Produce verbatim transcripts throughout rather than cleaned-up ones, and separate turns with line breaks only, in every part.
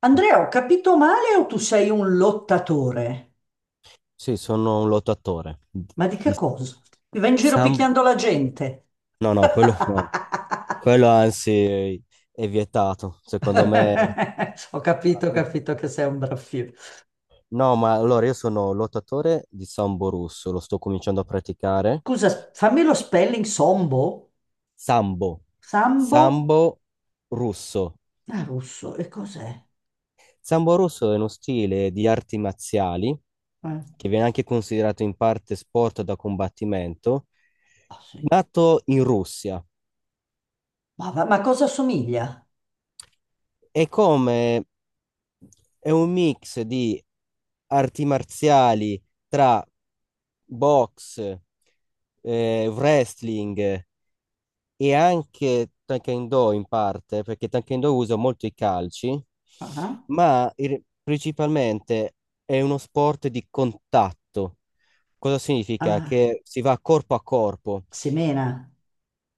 Andrea, ho capito male o tu sei un lottatore?
Sì, sono un lottatore.
Ma di che
Di
cosa? Mi vai in giro
Sam...
picchiando la gente.
No, no, quello no. Quello anzi è vietato, secondo me.
Ho capito, ho capito che sei un braffio.
No, ma allora io sono lottatore di sambo russo, lo sto cominciando a praticare.
Scusa, fammi lo spelling sombo?
Sambo.
Sambo?
Sambo russo.
Ah, russo, e cos'è?
Sambo russo è uno stile di arti marziali
Eh,
che viene anche considerato in parte sport da combattimento,
ah, sì.
nato in Russia.
Ma, va- ma cosa somiglia?
è come è un mix di arti marziali tra box, eh, wrestling e anche Taekwondo in parte, perché Taekwondo usa molto i calci,
Ah, ah,
ma il- principalmente è uno sport di contatto. Cosa significa?
ah,
Che si va corpo a corpo.
semena.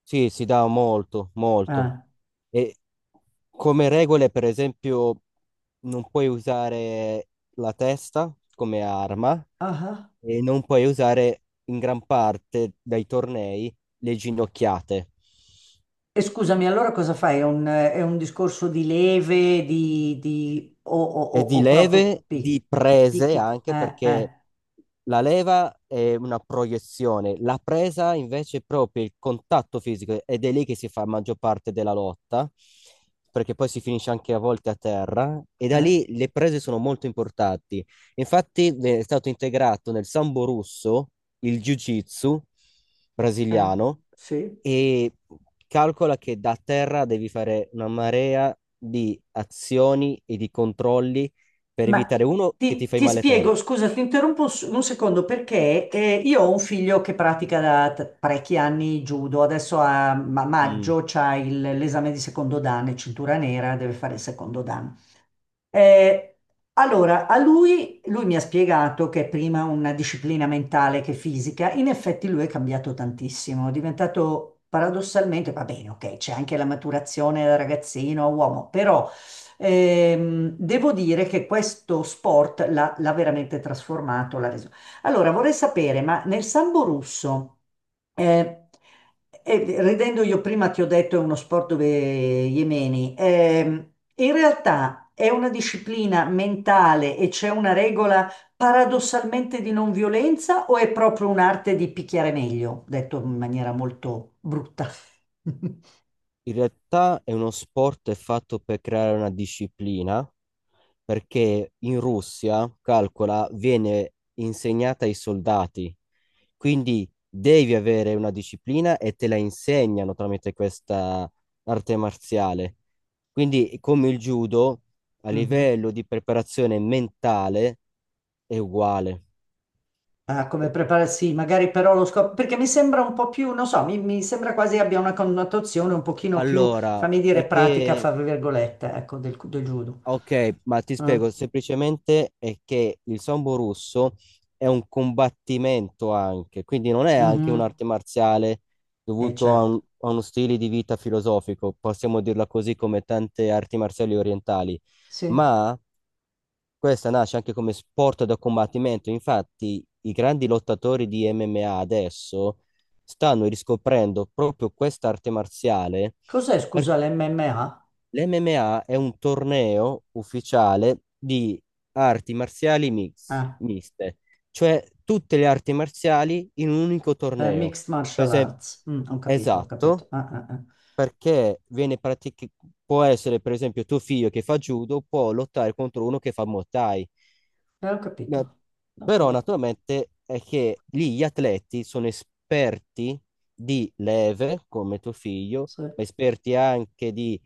Sì, si dà molto, molto.
Ah,
E come regole, per esempio, non puoi usare la testa come arma
ah, ah.
e non puoi usare in gran parte dai tornei le ginocchiate.
E scusami, allora cosa fai? È un, è un discorso di leve, di, di- o, o- o-
E di
o proprio
leve,
pi,
di prese
picchi, co-
anche
eh,
perché
eh,
la leva è una proiezione, la presa invece è proprio il contatto fisico ed è lì che si fa la maggior parte della lotta, perché poi si finisce anche a volte a terra e da
eh,
lì le prese sono molto importanti. Infatti eh, è stato integrato nel sambo russo il jiu-jitsu
eh,
brasiliano
sì.
e calcola che da terra devi fare una marea di azioni e di controlli per
Ma
evitare uno che ti
ti,
fai
ti
male te.
spiego, scusa, ti interrompo un, s- un secondo perché eh, io ho un figlio che pratica da t- parecchi anni judo, adesso a ma-
Mm.
maggio c'ha il- l'esame di secondo dan, è cintura nera, deve fare il secondo dan. Eh, allora, a lui, lui mi ha spiegato che è prima una disciplina mentale che fisica, in effetti lui è cambiato tantissimo, è diventato paradossalmente, va bene, ok, c'è anche la maturazione da ragazzino a uomo, però... Ehm, devo dire che questo sport l'ha l'ha veramente trasformato, l'ha reso. Allora, vorrei sapere, ma nel sambo russo, eh, eh, ridendo io prima ti ho detto è uno sport dove gli emeni, ehm, in realtà è una disciplina mentale e c'è una regola paradossalmente di non violenza o è proprio un'arte di picchiare meglio, detto in maniera molto brutta?
In realtà è uno sport fatto per creare una disciplina, perché in Russia, calcola, viene insegnata ai soldati, quindi devi avere una disciplina e te la insegnano tramite questa arte marziale. Quindi, come il judo, a
Mhm.
livello di preparazione mentale è uguale.
Ah, come prepararsi, magari però lo scopo, perché mi sembra un po' più, non so, mi, mi sembra quasi abbia una connotazione un pochino più,
Allora,
fammi dire,
è
pratica,
che
fra virgolette, ecco, del, del judo.
Ok, ma ti
Ah,
spiego semplicemente è che il sambo russo è un combattimento anche, quindi non è anche
mhm,
un'arte marziale
E
dovuto a,
certo,
un- a uno stile di vita filosofico, possiamo dirla così come tante arti marziali orientali,
sì.
ma questa nasce anche come sport da combattimento. Infatti, i grandi lottatori di M M A adesso stanno riscoprendo proprio questa arte marziale.
Cos'è, scusa, l'M M A?
L'M M A è un torneo ufficiale di arti marziali mix-
Ah,
miste, cioè tutte le arti marziali in un unico
eh,
torneo.
Mixed
Per
Martial
esempio,
Arts. Mm, ho capito, ho capito.
esatto,
Ah, ah, ah.
perché viene pratic- può essere, per esempio, tuo figlio che fa judo può lottare contro uno che fa Muay Thai.
Eh, ho
No.
capito, la
Però
forte,
naturalmente è che lì gli atleti sono esperti di leve, come tuo figlio,
sì.
ma esperti anche di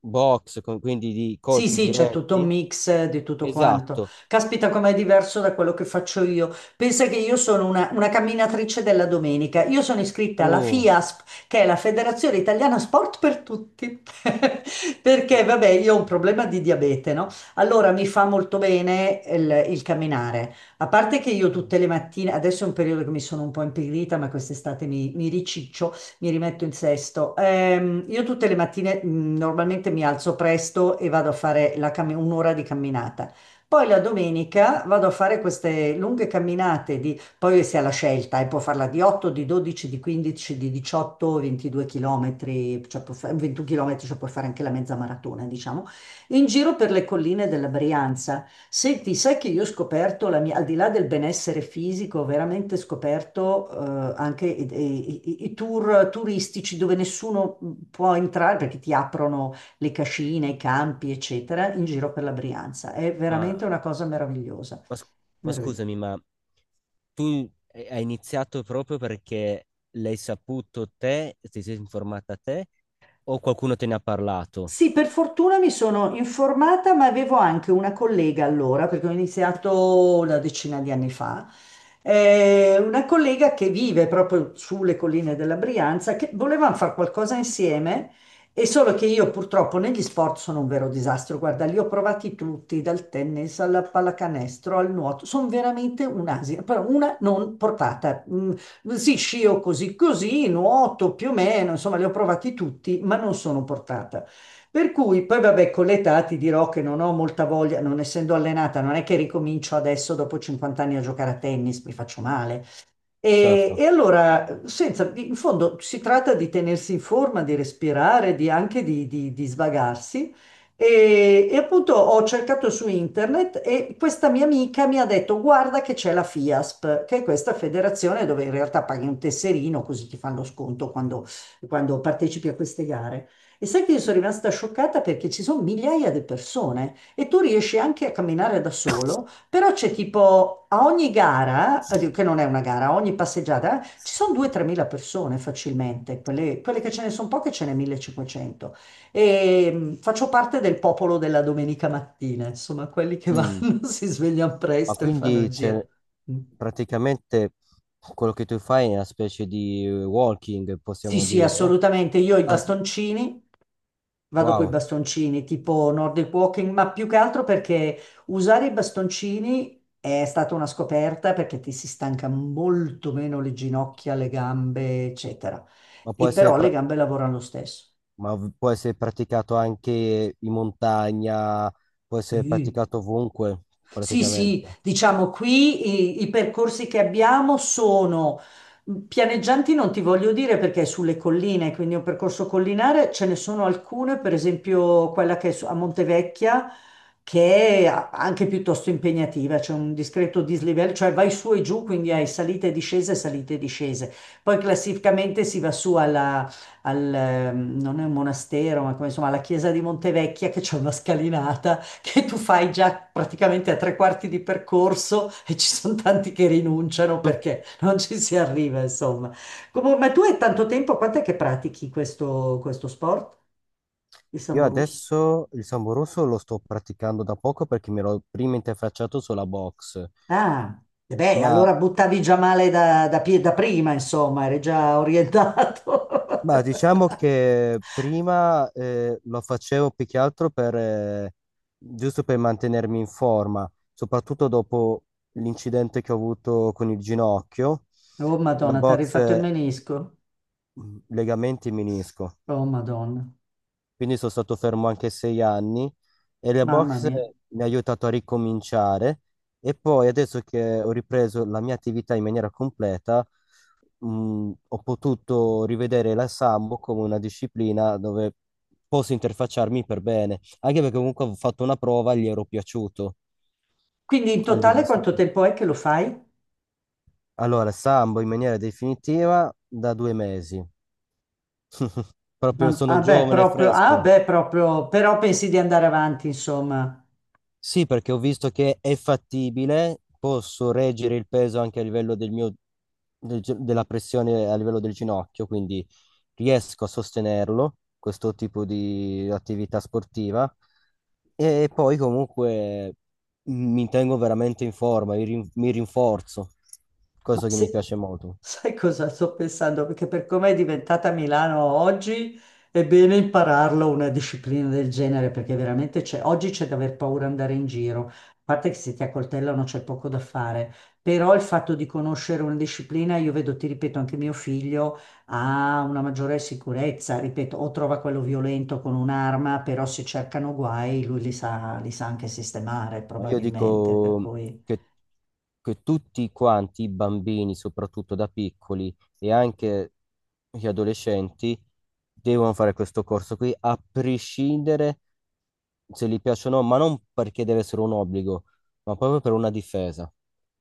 box, con- quindi di
Sì,
colpi
sì, c'è tutto un
diretti.
mix eh, di tutto quanto.
Esatto.
Caspita, com'è diverso da quello che faccio io. Pensa che io sono una, una camminatrice della domenica. Io sono iscritta alla
Uh,
FIASP, che è la Federazione Italiana Sport per Tutti. Perché,
m-
vabbè, io ho un problema di diabete, no? Allora mi fa molto bene il, il camminare. A parte che io tutte le mattine, adesso è un periodo che mi sono un po' impigrita, ma quest'estate mi, mi riciccio, mi rimetto in sesto. Ehm, io tutte le mattine mh, normalmente mi alzo presto e vado a fare la cammi- un'ora di camminata. Poi la domenica vado a fare queste lunghe camminate di, poi si ha la scelta, e può farla di otto, di dodici, di quindici, di diciotto, ventidue chilometri, cioè può fa- ventuno chilometri, cioè puoi fare anche la mezza maratona, diciamo, in giro per le colline della Brianza. Senti, sai che io ho scoperto la mia, al di là del benessere fisico, ho veramente scoperto eh, anche i, i- i- i tour turistici dove nessuno mm, può entrare perché ti aprono le cascine, i campi, eccetera, in giro per la Brianza. È veramente
ma,
una cosa meravigliosa.
ma sc- ma
Meravigliosa.
scusami, ma tu hai hai iniziato proprio perché l'hai saputo te, ti sei informata te, o qualcuno te ne ha parlato?
Sì, per fortuna mi sono informata, ma avevo anche una collega allora, perché ho iniziato una decina di anni fa, eh, una collega che vive proprio sulle colline della Brianza, che volevano fare qualcosa insieme, e solo che io purtroppo negli sport sono un vero disastro. Guarda, li ho provati tutti, dal tennis alla pallacanestro al nuoto, sono veramente un'asia, però una non portata. Mm, sì, scio così così, nuoto più o meno, insomma, li ho provati tutti, ma non sono portata. Per cui poi vabbè, con l'età ti dirò che non ho molta voglia, non essendo allenata, non è che ricomincio adesso dopo cinquanta anni a giocare a tennis, mi faccio male. E,
Certo.
e allora, senza- in fondo si tratta di tenersi in forma, di respirare, di anche di, di- di svagarsi. E, e appunto ho cercato su internet e questa mia amica mi ha detto: Guarda che c'è la FIASP, che è questa federazione dove in realtà paghi un tesserino così ti fanno sconto quando, quando partecipi a queste gare. E sai che io sono rimasta scioccata perché ci sono migliaia di persone e tu riesci anche a camminare da solo. Però c'è tipo a ogni gara, eh, che non è una gara, a ogni passeggiata, eh, ci sono due o tre persone facilmente, quelle, quelle che ce ne sono poche ce ne millecinquecento. E mh, faccio parte del popolo della domenica mattina, insomma, quelli che
Mm.
vanno, si svegliano
Ma
presto e fanno il
quindi cioè,
giro. Mm.
praticamente quello che tu fai è una specie di walking,
Sì,
possiamo
sì,
dire.
assolutamente. Io ho i
Ah,
bastoncini. Vado con i
wow,
bastoncini, tipo Nordic Walking, ma più che altro perché usare i bastoncini è stata una scoperta perché ti si stanca molto meno le ginocchia, le gambe, eccetera.
ma può
E
essere,
però le
pra-
gambe lavorano lo stesso.
ma v- può essere praticato anche in montagna, può essere
Sì.
praticato ovunque,
Sì, sì,
praticamente.
diciamo qui i, i percorsi che abbiamo sono pianeggianti, non ti voglio dire perché è sulle colline, quindi è un percorso collinare, ce ne sono alcune, per esempio quella che è su- a Montevecchia, che è a- anche piuttosto impegnativa, c'è un discreto dislivello, cioè vai su e giù, quindi hai salite e discese, salite e discese. Poi classificamente si va su alla, al, ehm, non è un monastero, ma come, insomma alla chiesa di Montevecchia che c'è una scalinata che tu fai già praticamente a tre quarti di percorso e ci sono tanti che rinunciano
Mm.
perché non ci si arriva, insomma. Comunque, ma tu hai tanto tempo, quant'è che pratichi questo, questo sport, il
Io
samburus?
adesso il sambo russo lo sto praticando da poco perché mi ero prima interfacciato sulla box,
Ah, e beh,
ma
allora buttavi già male da, da pie- da prima, insomma, eri già orientato.
Ma diciamo che prima eh, lo facevo più che altro per, eh, giusto per mantenermi in forma, soprattutto dopo l'incidente che ho avuto con il ginocchio,
Oh,
la
Madonna, ti ha
box,
rifatto il
eh,
menisco?
legamenti menisco,
Oh, Madonna,
quindi sono stato fermo anche sei anni e la
mamma
box
mia.
mi ha aiutato a ricominciare e poi adesso che ho ripreso la mia attività in maniera completa, mh, ho potuto rivedere la Sambo come una disciplina dove posso interfacciarmi per bene, anche perché comunque ho fatto una prova e gli ero piaciuto
Quindi in totale quanto
all'istruttore.
tempo è che lo fai?
Allora, Sambo in maniera definitiva da due mesi. Proprio
Ma,
sono
ah beh,
giovane e
proprio, ah
fresco.
beh, proprio, però pensi di andare avanti, insomma.
Sì, perché ho visto che è fattibile, posso reggere il peso anche a livello del mio, del gi- della pressione a livello del ginocchio, quindi riesco a sostenerlo, questo tipo di attività sportiva. E poi comunque mi tengo veramente in forma, mi rin- mi rinforzo,
Ma
cosa che mi
se-
piace molto.
sai cosa sto pensando? Perché per come è diventata Milano oggi, è bene impararlo una disciplina del genere, perché veramente c'è, oggi c'è da aver paura andare in giro. A parte che se ti accoltellano c'è poco da fare, però il fatto di conoscere una disciplina, io vedo, ti ripeto, anche mio figlio ha una maggiore sicurezza, ripeto, o trova quello violento con un'arma, però se cercano guai, lui li sa, li sa anche sistemare
Ma io
probabilmente, per
dico
cui...
che, che tutti quanti, i bambini, soprattutto da piccoli e anche gli adolescenti, devono fare questo corso qui, a prescindere se gli piace o no, ma non perché deve essere un obbligo, ma proprio per una difesa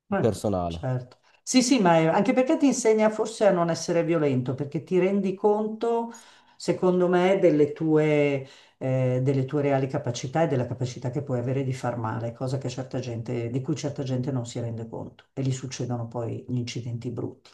Eh,
personale.
certo. Sì, sì, ma è- anche perché ti insegna forse a non essere violento, perché ti rendi conto, secondo me, delle tue, eh, delle tue reali capacità e della capacità che puoi avere di far male, cosa che certa gente, di cui certa gente non si rende conto e gli succedono poi gli incidenti brutti.